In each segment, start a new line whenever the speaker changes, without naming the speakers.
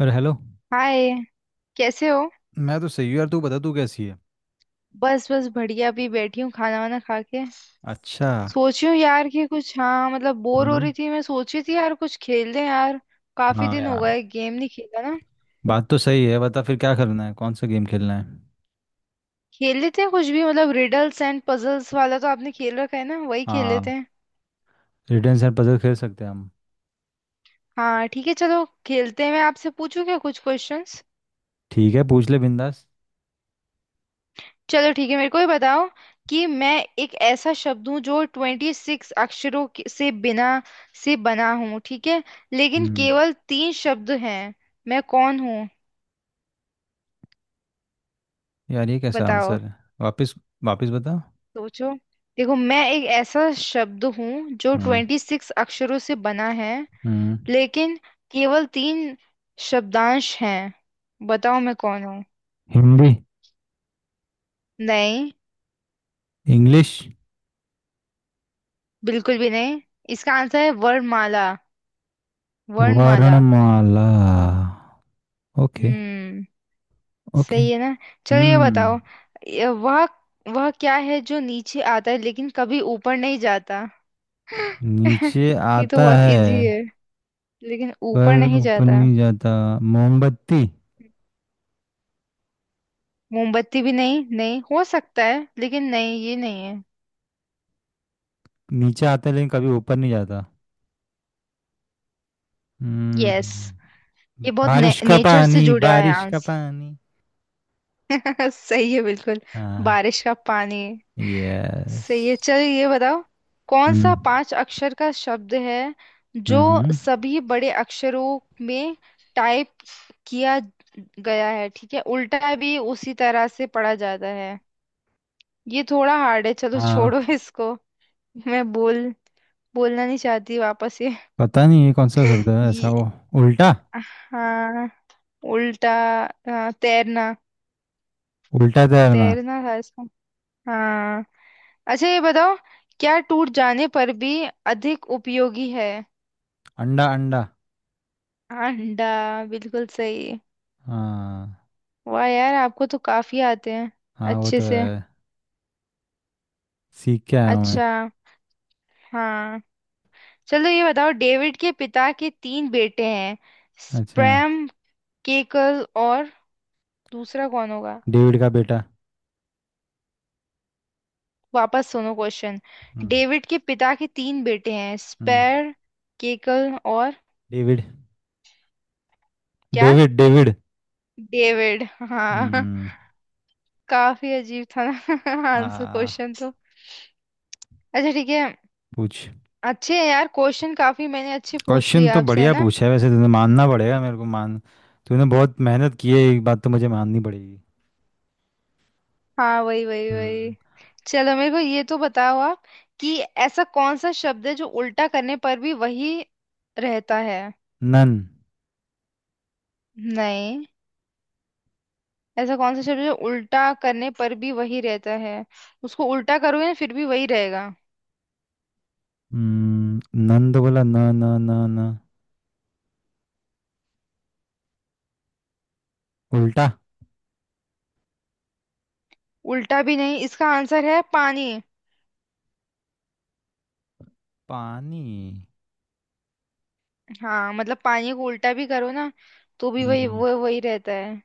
अरे hello.
Hi. कैसे हो?
मैं तो सही हूँ यार। तू बता तू कैसी है।
बस बस बढ़िया, अभी बैठी हूँ खाना वाना खा के।
अच्छा।
सोची हूँ यार कि कुछ, हाँ मतलब बोर हो
हम्म।
रही थी, मैं सोची थी यार कुछ खेल लें यार। काफी
हाँ
दिन हो
यार।
गए गेम नहीं खेला ना।
बात तो सही है। बता फिर क्या करना है। कौन सा गेम खेलना है।
खेल लेते हैं कुछ भी, मतलब रिडल्स एंड पजल्स वाला तो आपने खेल रखा है ना, वही खेल लेते
हाँ।
हैं।
रिडल्स एंड पजल खेल सकते हैं हम।
हाँ ठीक है चलो खेलते हैं, मैं आपसे पूछूं क्या कुछ क्वेश्चंस।
ठीक है पूछ ले बिंदास।
चलो ठीक है, मेरे को ये बताओ कि मैं एक ऐसा शब्द हूँ जो 26 अक्षरों के- से बिना से बना हूँ, ठीक है। लेकिन
हम्म।
केवल तीन शब्द हैं। मैं कौन हूँ?
यार ये कैसा
बताओ।
आंसर है। वापस। वापस बता।
सोचो। देखो मैं एक ऐसा शब्द हूँ जो
हम्म।
ट्वेंटी सिक्स अक्षरों से बना है,
हम्म।
लेकिन केवल तीन शब्दांश हैं। बताओ मैं कौन हूँ?
हिंदी।
नहीं।
इंग्लिश।
बिल्कुल भी नहीं। इसका आंसर है वर्णमाला। वर्णमाला।
वर्णमाला। ओके।
हम्म।
ओके।
सही है ना। चलो ये
हम्म।
बताओ। ये वह क्या है जो नीचे आता है लेकिन कभी ऊपर नहीं जाता?
नीचे
ये तो
आता
बहुत
है
इजी है। लेकिन ऊपर
पर
नहीं
ऊपर
जाता।
नहीं जाता। मोमबत्ती।
मोमबत्ती भी नहीं, नहीं हो सकता है लेकिन, नहीं ये नहीं है।
नीचे आता है लेकिन कभी ऊपर नहीं जाता।
यस।
हम्म।
ये बहुत
बारिश का
नेचर से
पानी।
जुड़ा है
बारिश का
आंसर।
पानी।
सही है बिल्कुल।
हाँ।
बारिश का पानी।
यस।
सही है चल ये बताओ। कौन सा
हम्म।
पांच अक्षर का शब्द है जो
हम्म।
सभी बड़े अक्षरों में टाइप किया गया है, ठीक है उल्टा भी उसी तरह से पढ़ा जाता है। ये थोड़ा हार्ड है चलो छोड़ो
हाँ।
इसको। मैं बोलना नहीं चाहती वापस ये।
पता नहीं ये कौन सा शब्द है ऐसा
ये
वो। उल्टा।
हाँ। उल्टा। हाँ, तैरना।
उल्टा तैरना।
तैरना था इसका। हाँ। अच्छा ये बताओ, क्या टूट जाने पर भी अधिक उपयोगी है?
अंडा अंडा।
अंडा। बिल्कुल सही।
हाँ।
वाह यार आपको तो काफी आते हैं।
हाँ वो
अच्छे
तो
से।
है। सीख के आया हूँ मैं।
अच्छा। हाँ। चलो ये बताओ, डेविड के पिता के तीन बेटे हैं,
अच्छा।
स्प्रैम, केकल और दूसरा कौन होगा?
डेविड का बेटा।
वापस सुनो क्वेश्चन।
हम्म।
डेविड के पिता के तीन बेटे हैं
हम्म।
स्पैर, केकल और।
डेविड
क्या?
डेविड। डेविड।
डेविड। हाँ।
हम्म।
काफी अजीब था ना आंसर
आ।
क्वेश्चन तो। अच्छा ठीक है।
पूछ।
अच्छे हैं यार क्वेश्चन, काफी मैंने अच्छे पूछ
क्वेश्चन
लिए
तो
आपसे, है
बढ़िया
ना?
पूछा है वैसे तूने, मानना पड़ेगा मेरे को। मान तूने बहुत मेहनत की है, एक बात तो मुझे माननी पड़ेगी।
हाँ वही वही
हम्म।
वही। चलो मेरे को ये तो बताओ आप कि ऐसा कौन सा शब्द है जो उल्टा करने पर भी वही रहता है?
नन।
नहीं। ऐसा कौन सा शब्द है जो उल्टा करने पर भी वही रहता है? उसको उल्टा करोगे ना फिर भी वही रहेगा।
हम्म, नन तो बोला न न। न न। उल्टा।
उल्टा भी नहीं, इसका आंसर है पानी।
पानी।
हाँ मतलब पानी को उल्टा भी करो ना तो भी वही,
हम्म।
वो वही रहता है।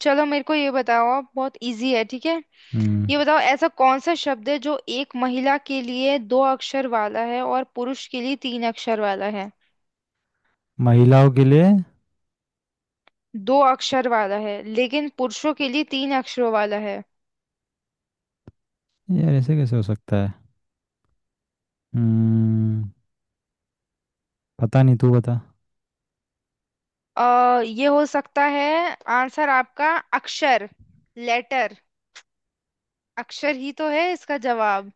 चलो मेरे को ये बताओ आप, बहुत इजी है ठीक है।
हम्म।
ये बताओ ऐसा कौन सा शब्द है जो एक महिला के लिए दो अक्षर वाला है और पुरुष के लिए तीन अक्षर वाला है?
महिलाओं के लिए।
दो अक्षर वाला है लेकिन पुरुषों के लिए तीन अक्षरों वाला है।
यार ऐसे कैसे हो सकता है। हम्म। पता नहीं तू बता।
ये हो सकता है आंसर आपका। अक्षर। लेटर। अक्षर ही तो है इसका जवाब।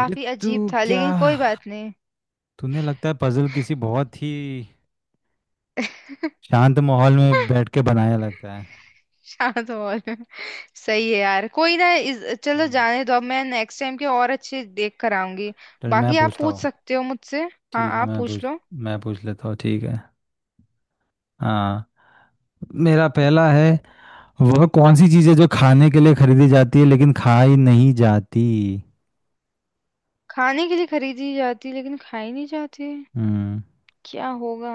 ये तू
अजीब था
क्या
लेकिन कोई बात नहीं।
तूने लगता है पजल किसी बहुत ही शांत माहौल में बैठ के बनाया लगता है।
शांत हॉल। सही है यार कोई ना, इस चलो
हम्म।
जाने दो, अब मैं नेक्स्ट टाइम के और अच्छे देख कर आऊंगी।
चल मैं
बाकी आप
पूछता
पूछ
हूँ।
सकते हो मुझसे। हाँ
ठीक है
आप पूछ लो।
मैं पूछ लेता हूँ। ठीक है। हाँ। मेरा पहला है। वह कौन सी चीज़ है जो खाने के लिए खरीदी जाती है लेकिन खाई नहीं जाती।
खाने के लिए खरीदी जाती लेकिन खाई नहीं जाती।
हम्म।
क्या होगा?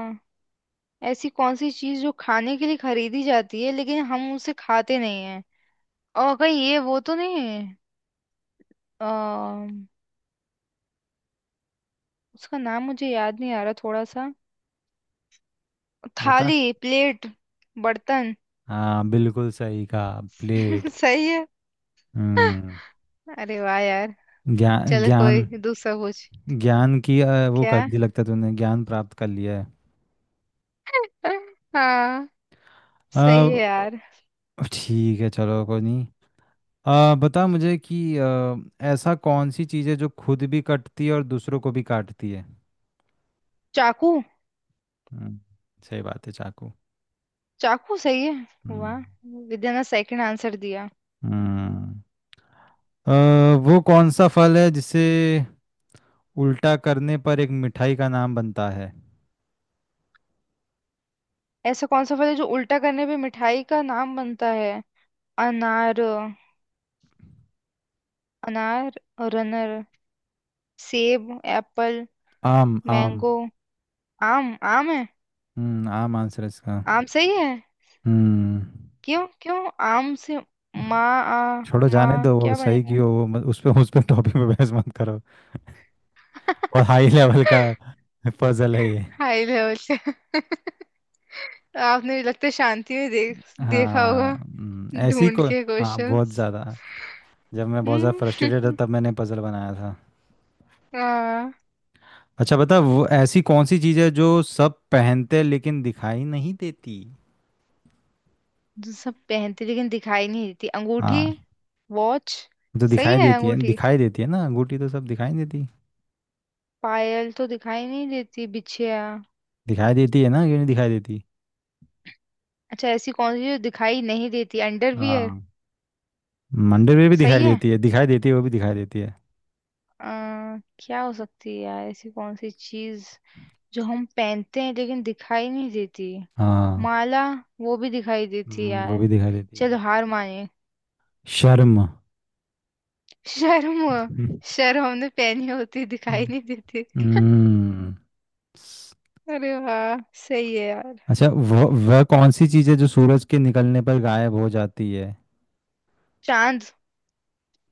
ऐसी कौन सी चीज जो खाने के लिए खरीदी जाती है लेकिन हम उसे खाते नहीं हैं? और कहीं ये वो तो नहीं है? अम, उसका नाम मुझे याद नहीं आ रहा थोड़ा सा।
बता।
थाली, प्लेट, बर्तन।
हाँ बिल्कुल सही कहा। प्लेट।
सही है।
हम्म।
अरे वाह यार।
ज्ञान
चलो
ज्ञान।
कोई दूसरा पूछ।
ज्ञान की वो कर
क्या?
दी लगता है। तूने ज्ञान प्राप्त कर लिया है।
हाँ सही है यार।
अ, ठीक है चलो कोई नहीं। बता मुझे कि ऐसा कौन सी चीज़ है जो खुद भी कटती है और दूसरों को भी काटती है।
चाकू।
हम्म। सही बात है चाकू।
चाकू सही है
हम्म।
वाह। विद्या ने सेकंड आंसर दिया।
हम्म। अ, वो कौन सा फल है जिसे उल्टा करने पर एक मिठाई का नाम बनता है।
ऐसा कौन सा फल है जो उल्टा करने पे मिठाई का नाम बनता है? अनार। अनार। रनर। सेब। एप्पल।
आम आम।
मैंगो। आम आम है।
आम आंसर है इसका।
आम सही है।
हम्म।
क्यों क्यों आम से माँ आ?
छोड़ो जाने
माँ
दो वो
क्या
सही
बनेगा?
क्यों। वो मत, उस पे टॉपिक पे बहस मत करो। बहुत हाई लेवल का पजल है ये।
हाई लेवल से। आपने लगता है शांति में देख देखा
हाँ।
होगा
ऐसी
ढूंढ
को
के
हाँ बहुत
क्वेश्चंस।
ज़्यादा। जब मैं बहुत ज़्यादा फ्रस्ट्रेटेड था
हम्म।
तब मैंने पजल बनाया था।
हाँ।
अच्छा बता। वो ऐसी कौन सी चीज़ है जो सब पहनते हैं लेकिन दिखाई नहीं देती।
जो सब पहनते लेकिन दिखाई नहीं देती? अंगूठी।
हाँ।
वॉच।
तो दिखाई
सही है
देती है।
अंगूठी।
दिखाई देती है ना। अंगूठी तो सब दिखाई नहीं देती।
पायल तो दिखाई नहीं देती। बिछिया।
दिखाई देती है ना, क्यों नहीं दिखाई देती।
अच्छा ऐसी कौन सी जो दिखाई नहीं देती? अंडरवियर।
हाँ। मंदिर में भी दिखाई
सही है।
देती है। दिखाई देती है, वो भी दिखाई देती है।
क्या हो सकती है यार ऐसी कौन सी चीज जो हम पहनते हैं लेकिन दिखाई नहीं देती?
हाँ।
माला। वो भी दिखाई देती है
वो
यार।
भी दिखाई देती है।
चलो हार माने।
शर्म।
शर्म।
हम्म।
शर्म हमने पहनी होती दिखाई
हम्म।
नहीं देती।
हम्म। स-
अरे वाह। सही है यार।
अच्छा। वह कौन सी चीज़ है जो सूरज के निकलने पर गायब हो जाती है।
चांद।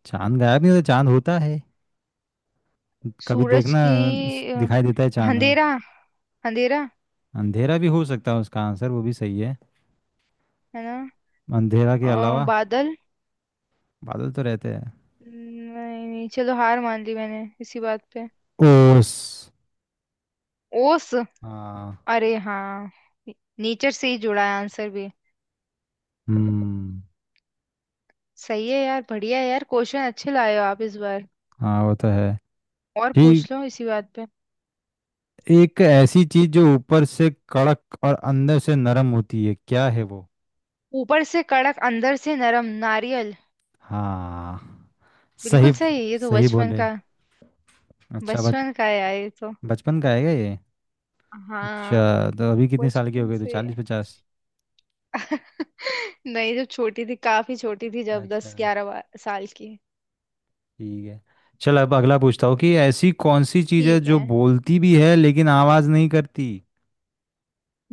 चांद गायब नहीं होता। चांद होता है। कभी
सूरज
देखना।
की। अ,
दिखाई देता है चांद हमें।
अंधेरा। अंधेरा।
अंधेरा भी हो सकता है उसका आंसर, वो भी सही है।
है ना?
अंधेरा के अलावा।
बादल।
बादल तो रहते हैं।
नहीं नहीं, चलो हार मान ली मैंने इसी बात पे।
ओस।
ओस।
हाँ।
अरे हाँ। नेचर से ही जुड़ा है आंसर भी।
हम्म।
सही है यार बढ़िया है यार, क्वेश्चन अच्छे लाए हो आप इस बार।
हाँ वो तो है।
और
ठीक।
पूछ लो इसी बात पे।
एक ऐसी चीज जो ऊपर से कड़क और अंदर से नरम होती है क्या है वो।
ऊपर से कड़क अंदर से नरम, नारियल।
हाँ। सही
बिल्कुल सही, ये तो
सही
बचपन
बोले।
का।
अच्छा बच
बचपन का है यार ये तो।
बचपन का है क्या ये।
हाँ।
अच्छा। तो अभी कितने साल की हो
बचपन
गई, तो
से।
40 50।
नहीं, जब छोटी थी काफी छोटी थी, जब
अच्छा।
10 11 साल की।
ठीक है। चल अब अगला पूछता हूँ कि ऐसी कौन सी चीज है
ठीक
जो
है।
बोलती भी है लेकिन आवाज नहीं करती।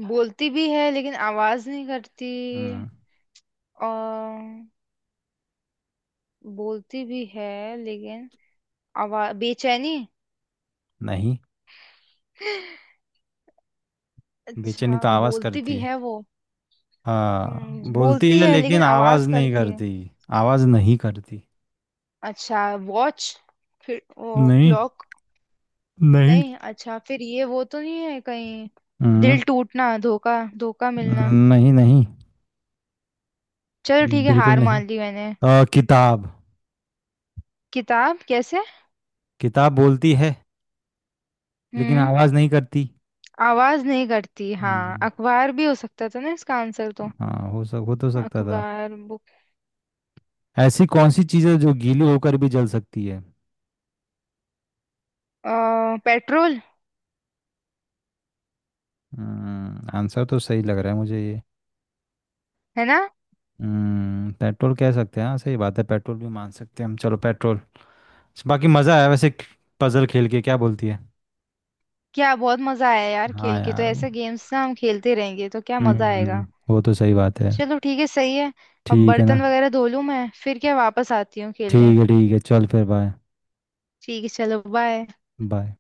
बोलती भी है लेकिन आवाज नहीं करती।
हम्म।
और बोलती भी है लेकिन आवाज बेचैनी।
नहीं। बेचैनी
अच्छा
तो आवाज
बोलती
करती
भी
है।
है वो।
हाँ बोलती
बोलती
है
है लेकिन
लेकिन आवाज
आवाज
नहीं
करती है।
करती। आवाज नहीं करती।
अच्छा वॉच? फिर वो
नहीं
क्लॉक?
नहीं।
नहीं अच्छा, फिर ये वो तो नहीं है कहीं?
हम्म।
दिल टूटना, धोखा धोखा मिलना।
नहीं। नहीं
चलो ठीक है
बिल्कुल
हार
नहीं।
मान ली मैंने।
किताब।
किताब कैसे?
किताब बोलती है लेकिन
हम्म।
आवाज नहीं करती।
आवाज नहीं करती हाँ,
हम्म।
अखबार भी हो सकता था ना इसका आंसर तो।
हाँ हो तो सकता था।
अखबार, बुक।
ऐसी कौन सी चीज़ है जो गीली होकर भी जल सकती है।
पेट्रोल।
आंसर तो सही लग रहा है मुझे ये।
है ना?
पेट्रोल कह सकते हैं। हाँ सही बात है, पेट्रोल भी मान सकते हैं हम चलो पेट्रोल। बाकी मज़ा आया वैसे। पजल खेल के क्या बोलती है।
क्या बहुत मजा आया यार,
हाँ
खेल के तो
यार वो।
ऐसे गेम्स ना हम खेलते रहेंगे तो क्या मजा आएगा।
हम्म। वो तो सही बात है।
चलो ठीक है सही है। अब
ठीक है ना।
बर्तन वगैरह धो लूँ मैं फिर क्या वापस आती हूँ खेलने।
ठीक है चल फिर बाय।
ठीक है चलो बाय।
बाय।